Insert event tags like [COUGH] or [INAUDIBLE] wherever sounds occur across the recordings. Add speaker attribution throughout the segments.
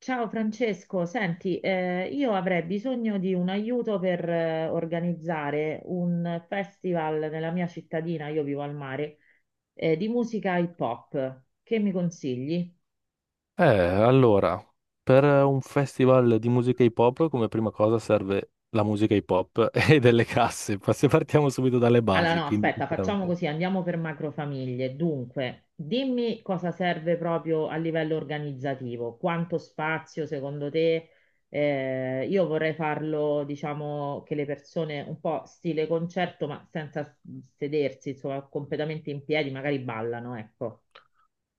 Speaker 1: Ciao Francesco, senti, io avrei bisogno di un aiuto per organizzare un festival nella mia cittadina, io vivo al mare, di musica hip hop. Che mi consigli?
Speaker 2: Allora, per un festival di musica hip hop, come prima cosa serve la musica hip hop [LAUGHS] e delle casse. Se partiamo subito dalle
Speaker 1: Allora,
Speaker 2: basi,
Speaker 1: no,
Speaker 2: quindi
Speaker 1: aspetta, facciamo
Speaker 2: sicuramente.
Speaker 1: così, andiamo per macrofamiglie. Dunque, dimmi cosa serve proprio a livello organizzativo, quanto spazio secondo te? Io vorrei farlo, diciamo, che le persone un po' stile concerto, ma senza s- sedersi, insomma, completamente in piedi, magari ballano, ecco.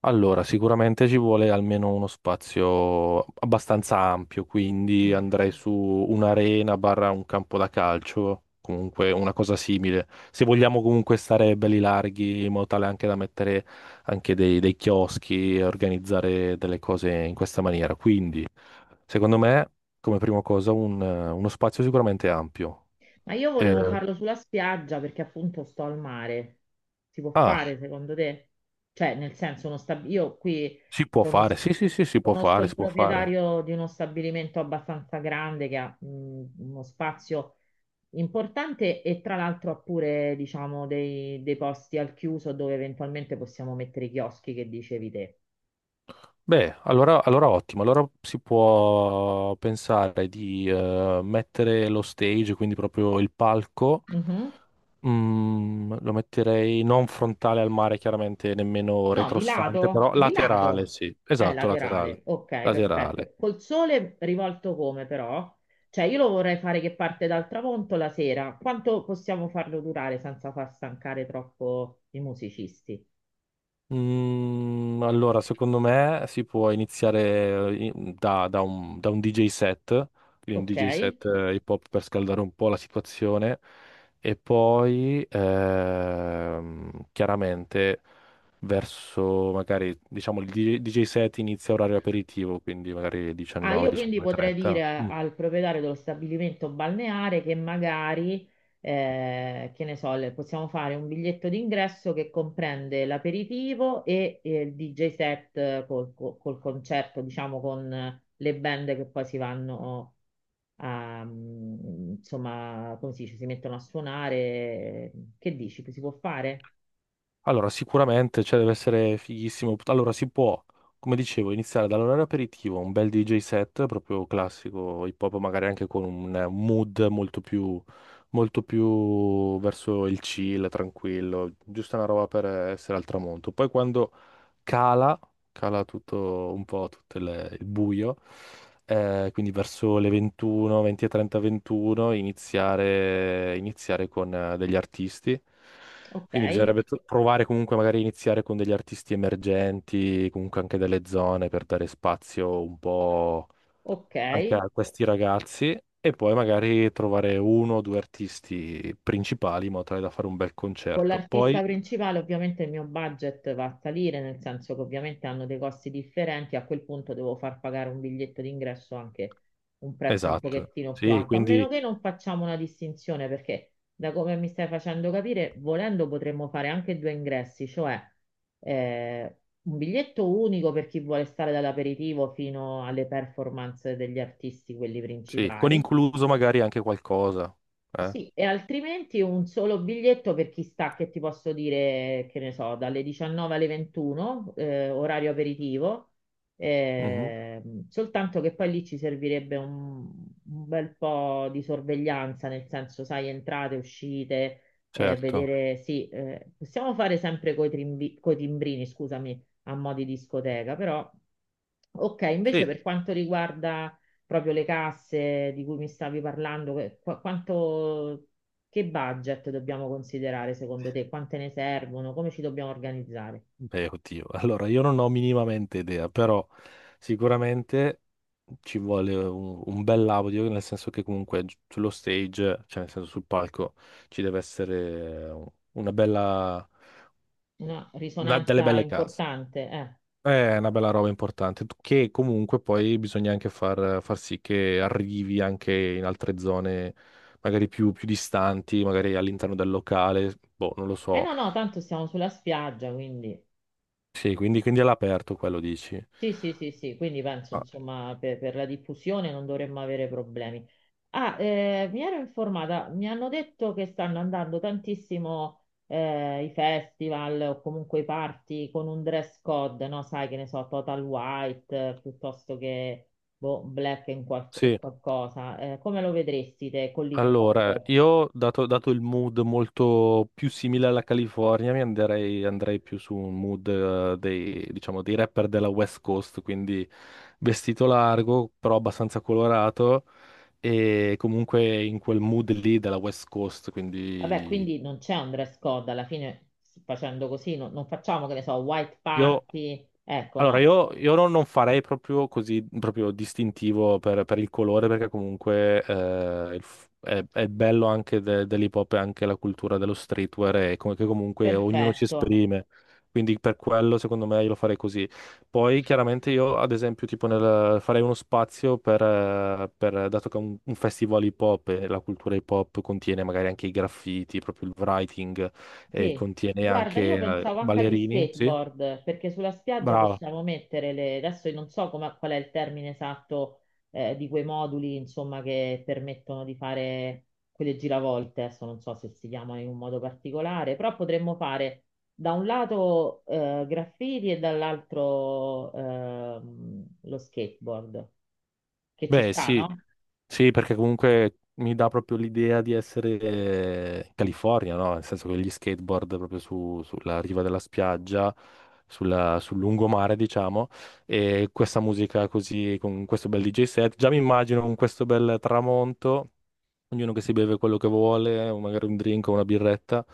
Speaker 2: Allora, sicuramente ci vuole almeno uno spazio abbastanza ampio, quindi andrei su un'arena barra un campo da calcio, comunque una cosa simile. Se vogliamo comunque stare belli larghi, in modo tale anche da mettere anche dei chioschi e organizzare delle cose in questa maniera. Quindi. Secondo me, come prima cosa, uno spazio sicuramente ampio.
Speaker 1: Ma io
Speaker 2: Eh,
Speaker 1: volevo farlo sulla spiaggia perché appunto sto al mare. Si può
Speaker 2: ah,
Speaker 1: fare secondo te? Cioè, nel senso, io qui
Speaker 2: si può
Speaker 1: conos-
Speaker 2: fare, sì, sì, sì, si può
Speaker 1: conosco
Speaker 2: fare,
Speaker 1: il
Speaker 2: si può fare.
Speaker 1: proprietario di uno stabilimento abbastanza grande che ha uno spazio importante e tra l'altro ha pure, diciamo, dei posti al chiuso dove eventualmente possiamo mettere i chioschi che dicevi te.
Speaker 2: Beh, allora ottimo, allora si può pensare di mettere lo stage, quindi proprio il palco.
Speaker 1: Mhm.
Speaker 2: Lo metterei non frontale al mare, chiaramente nemmeno
Speaker 1: No, di
Speaker 2: retrostante,
Speaker 1: lato,
Speaker 2: però
Speaker 1: di
Speaker 2: laterale,
Speaker 1: lato.
Speaker 2: sì, esatto, laterale,
Speaker 1: Laterale. Ok,
Speaker 2: laterale.
Speaker 1: perfetto. Col sole rivolto come però? Cioè, io lo vorrei fare che parte dal tramonto la sera. Quanto possiamo farlo durare senza far stancare troppo i musicisti?
Speaker 2: Allora, secondo me si può iniziare da un DJ set, quindi un
Speaker 1: Ok?
Speaker 2: DJ set hip hop per scaldare un po' la situazione e poi chiaramente verso magari diciamo il DJ set inizia orario aperitivo, quindi magari
Speaker 1: Ah,
Speaker 2: 19,
Speaker 1: io quindi potrei dire
Speaker 2: 19.30.
Speaker 1: al proprietario dello stabilimento balneare che magari, che ne so, possiamo fare un biglietto d'ingresso che comprende l'aperitivo e il DJ set col concerto, diciamo, con le band che poi si vanno a, insomma, come si dice, si mettono a suonare. Che dici? Si può fare?
Speaker 2: Allora, sicuramente, cioè, deve essere fighissimo. Allora, si può, come dicevo, iniziare dall'orario aperitivo, un bel DJ set, proprio classico hip hop, magari anche con un mood molto più verso il chill, tranquillo, giusto una roba per essere al tramonto. Poi quando cala, cala tutto un po', tutto il buio. Quindi verso le 21, 20.30, 21, iniziare con degli artisti.
Speaker 1: Ok,
Speaker 2: Quindi bisognerebbe provare comunque magari a iniziare con degli artisti emergenti, comunque anche delle zone per dare spazio un po'
Speaker 1: ok.
Speaker 2: anche a questi ragazzi e poi magari trovare uno o due artisti principali in modo tale da fare un bel
Speaker 1: Con
Speaker 2: concerto.
Speaker 1: l'artista
Speaker 2: Poi,
Speaker 1: principale ovviamente il mio budget va a salire, nel senso che ovviamente hanno dei costi differenti, a quel punto devo far pagare un biglietto d'ingresso anche un prezzo un
Speaker 2: esatto,
Speaker 1: pochettino più
Speaker 2: sì,
Speaker 1: alto, a meno
Speaker 2: quindi
Speaker 1: che non facciamo una distinzione, perché da come mi stai facendo capire, volendo potremmo fare anche due ingressi, cioè eh, un biglietto unico per chi vuole stare dall'aperitivo fino alle performance degli artisti, quelli
Speaker 2: sì, con
Speaker 1: principali
Speaker 2: incluso magari anche qualcosa. Eh?
Speaker 1: sì, e altrimenti un solo biglietto per chi sta, che ti posso dire, che ne so, dalle 19 alle 21, orario aperitivo,
Speaker 2: Mhm,
Speaker 1: soltanto che poi lì ci servirebbe un bel po' di sorveglianza, nel senso, sai, entrate, uscite,
Speaker 2: certo.
Speaker 1: vedere, sì, possiamo fare sempre coi timbrini, scusami, a mo' di discoteca, però... Ok, invece
Speaker 2: Sì.
Speaker 1: per quanto riguarda proprio le casse di cui mi stavi parlando, che budget dobbiamo considerare secondo te? Quante ne servono? Come ci dobbiamo organizzare?
Speaker 2: Beh, oddio, [LAUGHS] allora io non ho minimamente idea, però sicuramente ci vuole un bel audio, nel senso che comunque sullo stage, cioè nel senso sul palco, ci deve essere una bella,
Speaker 1: Una
Speaker 2: delle
Speaker 1: risonanza
Speaker 2: belle case.
Speaker 1: importante, eh.
Speaker 2: È una bella roba importante, che comunque poi bisogna anche far sì che arrivi anche in altre zone, magari più distanti, magari all'interno del locale, boh, non lo
Speaker 1: Eh
Speaker 2: so.
Speaker 1: no, no, tanto siamo sulla spiaggia, quindi
Speaker 2: Sì, quindi è all'aperto quello dici.
Speaker 1: sì, sì, sì, sì, quindi penso
Speaker 2: Ah,
Speaker 1: insomma per la diffusione non dovremmo avere problemi. Ah, mi ero informata, mi hanno detto che stanno andando tantissimo i festival o comunque i party con un dress code, no? Sai che ne so, total white piuttosto che boh, e
Speaker 2: sì.
Speaker 1: qualcosa. Come lo vedresti te con l'hip
Speaker 2: Allora,
Speaker 1: hop?
Speaker 2: io dato il mood molto più simile alla California, andrei più su un mood diciamo, dei rapper della West Coast, quindi vestito largo, però abbastanza colorato e comunque in quel mood lì della West Coast,
Speaker 1: Vabbè,
Speaker 2: quindi
Speaker 1: quindi non c'è un dress code, alla fine facendo così non, non facciamo, che ne so, white
Speaker 2: io
Speaker 1: party, ecco
Speaker 2: Allora,
Speaker 1: no,
Speaker 2: io non farei proprio così proprio distintivo per il colore, perché comunque è il bello anche dell'hip hop e anche la cultura dello streetwear, e come, che comunque ognuno si
Speaker 1: perfetto.
Speaker 2: esprime. Quindi per quello, secondo me, io lo farei così. Poi, chiaramente, io, ad esempio, tipo farei uno spazio dato che è un festival hip hop e la cultura hip hop contiene magari anche i graffiti, proprio il writing, e
Speaker 1: Sì,
Speaker 2: contiene
Speaker 1: guarda,
Speaker 2: anche
Speaker 1: io pensavo anche agli
Speaker 2: ballerini, sì?
Speaker 1: skateboard, perché sulla spiaggia
Speaker 2: Brava.
Speaker 1: possiamo mettere le... Adesso io non so qual è il termine esatto di quei moduli, insomma, che permettono di fare quelle giravolte, adesso non so se si chiamano in un modo particolare, però potremmo fare da un lato graffiti e dall'altro lo skateboard, che ci
Speaker 2: Beh,
Speaker 1: sta,
Speaker 2: sì.
Speaker 1: no?
Speaker 2: Sì, perché comunque mi dà proprio l'idea di essere in California, no? Nel senso che gli skateboard proprio sulla riva della spiaggia, sul lungomare, diciamo, e questa musica così, con questo bel DJ set. Già mi immagino con questo bel tramonto ognuno che si beve quello che vuole, o magari un drink o una birretta,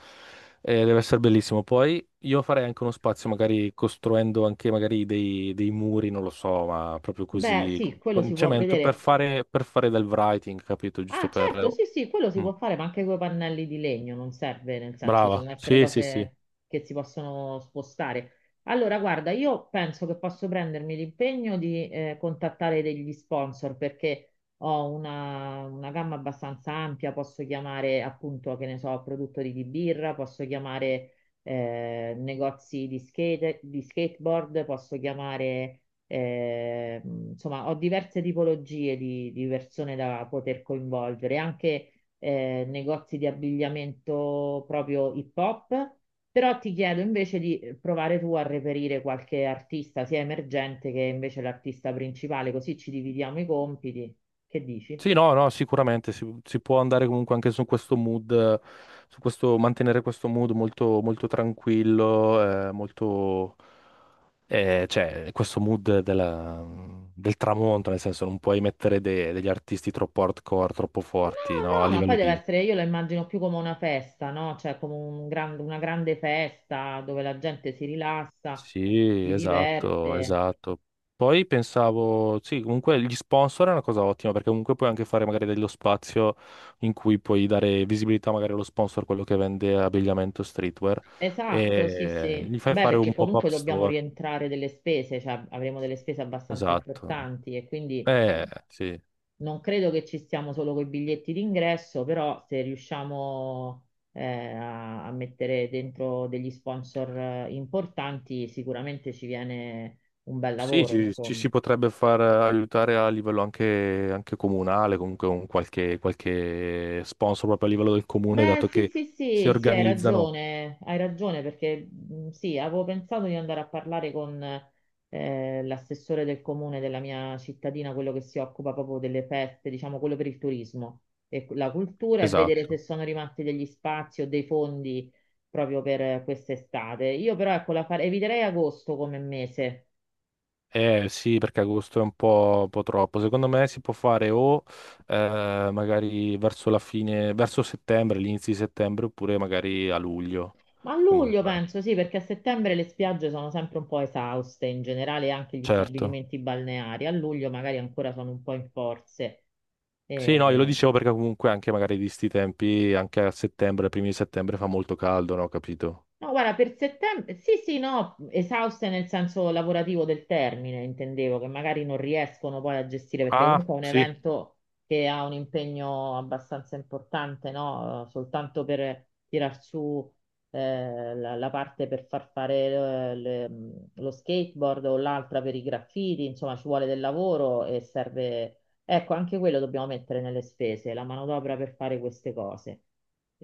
Speaker 2: deve essere bellissimo. Poi io farei anche uno spazio, magari costruendo anche magari dei muri, non lo so, ma proprio
Speaker 1: Beh,
Speaker 2: così,
Speaker 1: sì,
Speaker 2: con,
Speaker 1: quello
Speaker 2: con
Speaker 1: si
Speaker 2: il
Speaker 1: può
Speaker 2: cemento, per
Speaker 1: vedere.
Speaker 2: fare, per fare del writing, capito? Giusto
Speaker 1: Ah,
Speaker 2: per,
Speaker 1: certo,
Speaker 2: oh.
Speaker 1: sì, sì, quello si
Speaker 2: Mm,
Speaker 1: può fare, ma anche con i pannelli di legno, non serve, nel senso,
Speaker 2: brava,
Speaker 1: devono essere
Speaker 2: sì, sì, sì.
Speaker 1: cose che si possono spostare. Allora, guarda, io penso che posso prendermi l'impegno di contattare degli sponsor perché ho una gamma abbastanza ampia, posso chiamare appunto, che ne so, produttori di birra, posso chiamare negozi di skate, di skateboard, posso chiamare insomma, ho diverse tipologie di persone da poter coinvolgere, anche negozi di abbigliamento proprio hip hop, però ti chiedo invece di provare tu a reperire qualche artista, sia emergente che invece l'artista principale, così ci dividiamo i compiti. Che dici?
Speaker 2: Sì, no, no, sicuramente si può andare comunque anche su questo mood, su questo, mantenere questo mood molto, molto tranquillo, cioè, questo mood del tramonto, nel senso non puoi mettere degli artisti troppo hardcore, troppo forti, no,
Speaker 1: No,
Speaker 2: a
Speaker 1: no, ma poi
Speaker 2: livello.
Speaker 1: deve essere, io la immagino più come una festa, no? Cioè come una grande festa dove la gente si rilassa,
Speaker 2: Sì,
Speaker 1: si
Speaker 2: esatto,
Speaker 1: diverte.
Speaker 2: esatto. Poi pensavo, sì, comunque gli sponsor è una cosa ottima perché comunque puoi anche fare magari dello spazio in cui puoi dare visibilità magari allo sponsor, quello che vende abbigliamento streetwear,
Speaker 1: Esatto, sì,
Speaker 2: e
Speaker 1: sì.
Speaker 2: gli fai
Speaker 1: Beh,
Speaker 2: fare
Speaker 1: perché
Speaker 2: un pop-up
Speaker 1: comunque dobbiamo
Speaker 2: store.
Speaker 1: rientrare delle spese, cioè avremo delle spese abbastanza
Speaker 2: Esatto.
Speaker 1: importanti e quindi
Speaker 2: Sì.
Speaker 1: non credo che ci stiamo solo con i biglietti d'ingresso, però se riusciamo eh, a, a mettere dentro degli sponsor importanti, sicuramente ci viene un bel
Speaker 2: Sì,
Speaker 1: lavoro,
Speaker 2: ci
Speaker 1: insomma.
Speaker 2: si potrebbe far aiutare a livello anche comunale, comunque un qualche sponsor proprio a livello del comune,
Speaker 1: Beh,
Speaker 2: dato
Speaker 1: sì,
Speaker 2: che
Speaker 1: sì,
Speaker 2: si
Speaker 1: sì, sì,
Speaker 2: organizzano.
Speaker 1: hai ragione perché sì, avevo pensato di andare a parlare con l'assessore del comune della mia cittadina, quello che si occupa proprio delle feste, diciamo quello per il turismo e la cultura e vedere se
Speaker 2: Esatto.
Speaker 1: sono rimasti degli spazi o dei fondi proprio per quest'estate. Io però ecco, eviterei agosto come mese.
Speaker 2: Eh sì, perché agosto è un po' troppo. Secondo me si può fare o magari verso la fine, verso settembre, l'inizio di settembre, oppure magari a luglio.
Speaker 1: Ma a luglio
Speaker 2: Comunque,
Speaker 1: penso sì, perché a settembre le spiagge sono sempre un po' esauste, in generale anche gli
Speaker 2: certo.
Speaker 1: stabilimenti balneari. A luglio magari ancora sono un po' in forze.
Speaker 2: Sì, no, io lo
Speaker 1: Eh,
Speaker 2: dicevo perché comunque anche magari di sti tempi, anche a settembre, primi di settembre fa molto caldo, no? Capito?
Speaker 1: No, guarda, per settembre, sì, sì, no, esauste nel senso lavorativo del termine, intendevo, che magari non riescono poi a gestire, perché
Speaker 2: Ah,
Speaker 1: comunque è un
Speaker 2: sì,
Speaker 1: evento che ha un impegno abbastanza importante, no? Soltanto per tirar su la, la parte per far fare lo skateboard o l'altra per i graffiti, insomma, ci vuole del lavoro e serve. Ecco, anche quello dobbiamo mettere nelle spese, la manodopera per fare queste cose.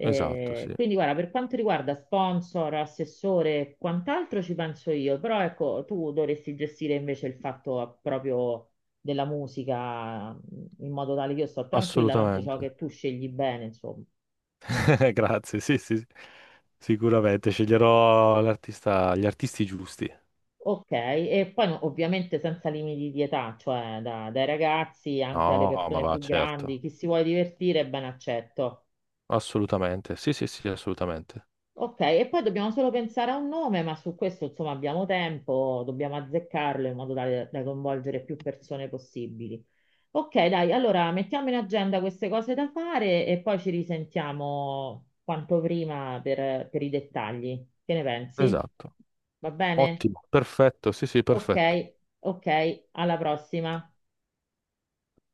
Speaker 2: esatto, sì,
Speaker 1: Quindi, guarda, per quanto riguarda sponsor, assessore e quant'altro ci penso io, però ecco, tu dovresti gestire invece il fatto proprio della musica in modo tale che io sto tranquilla, tanto so
Speaker 2: assolutamente.
Speaker 1: che tu scegli bene, insomma.
Speaker 2: [LAUGHS] Grazie, sì, sì, sì. Sicuramente sceglierò l'artista, gli artisti giusti.
Speaker 1: Ok, e poi no, ovviamente senza limiti di età, cioè dai ragazzi anche alle
Speaker 2: No, ma
Speaker 1: persone
Speaker 2: va,
Speaker 1: più grandi,
Speaker 2: certo.
Speaker 1: chi si vuole divertire, ben accetto.
Speaker 2: Assolutamente, sì, sì, sì, assolutamente.
Speaker 1: Ok, e poi dobbiamo solo pensare a un nome, ma su questo insomma abbiamo tempo, dobbiamo azzeccarlo in modo tale da coinvolgere più persone possibili. Ok, dai, allora mettiamo in agenda queste cose da fare e poi ci risentiamo quanto prima per i dettagli. Che ne pensi?
Speaker 2: Esatto.
Speaker 1: Va
Speaker 2: Ottimo.
Speaker 1: bene?
Speaker 2: Ottimo, perfetto, sì, sì,
Speaker 1: Ok,
Speaker 2: perfetto.
Speaker 1: ok, alla prossima.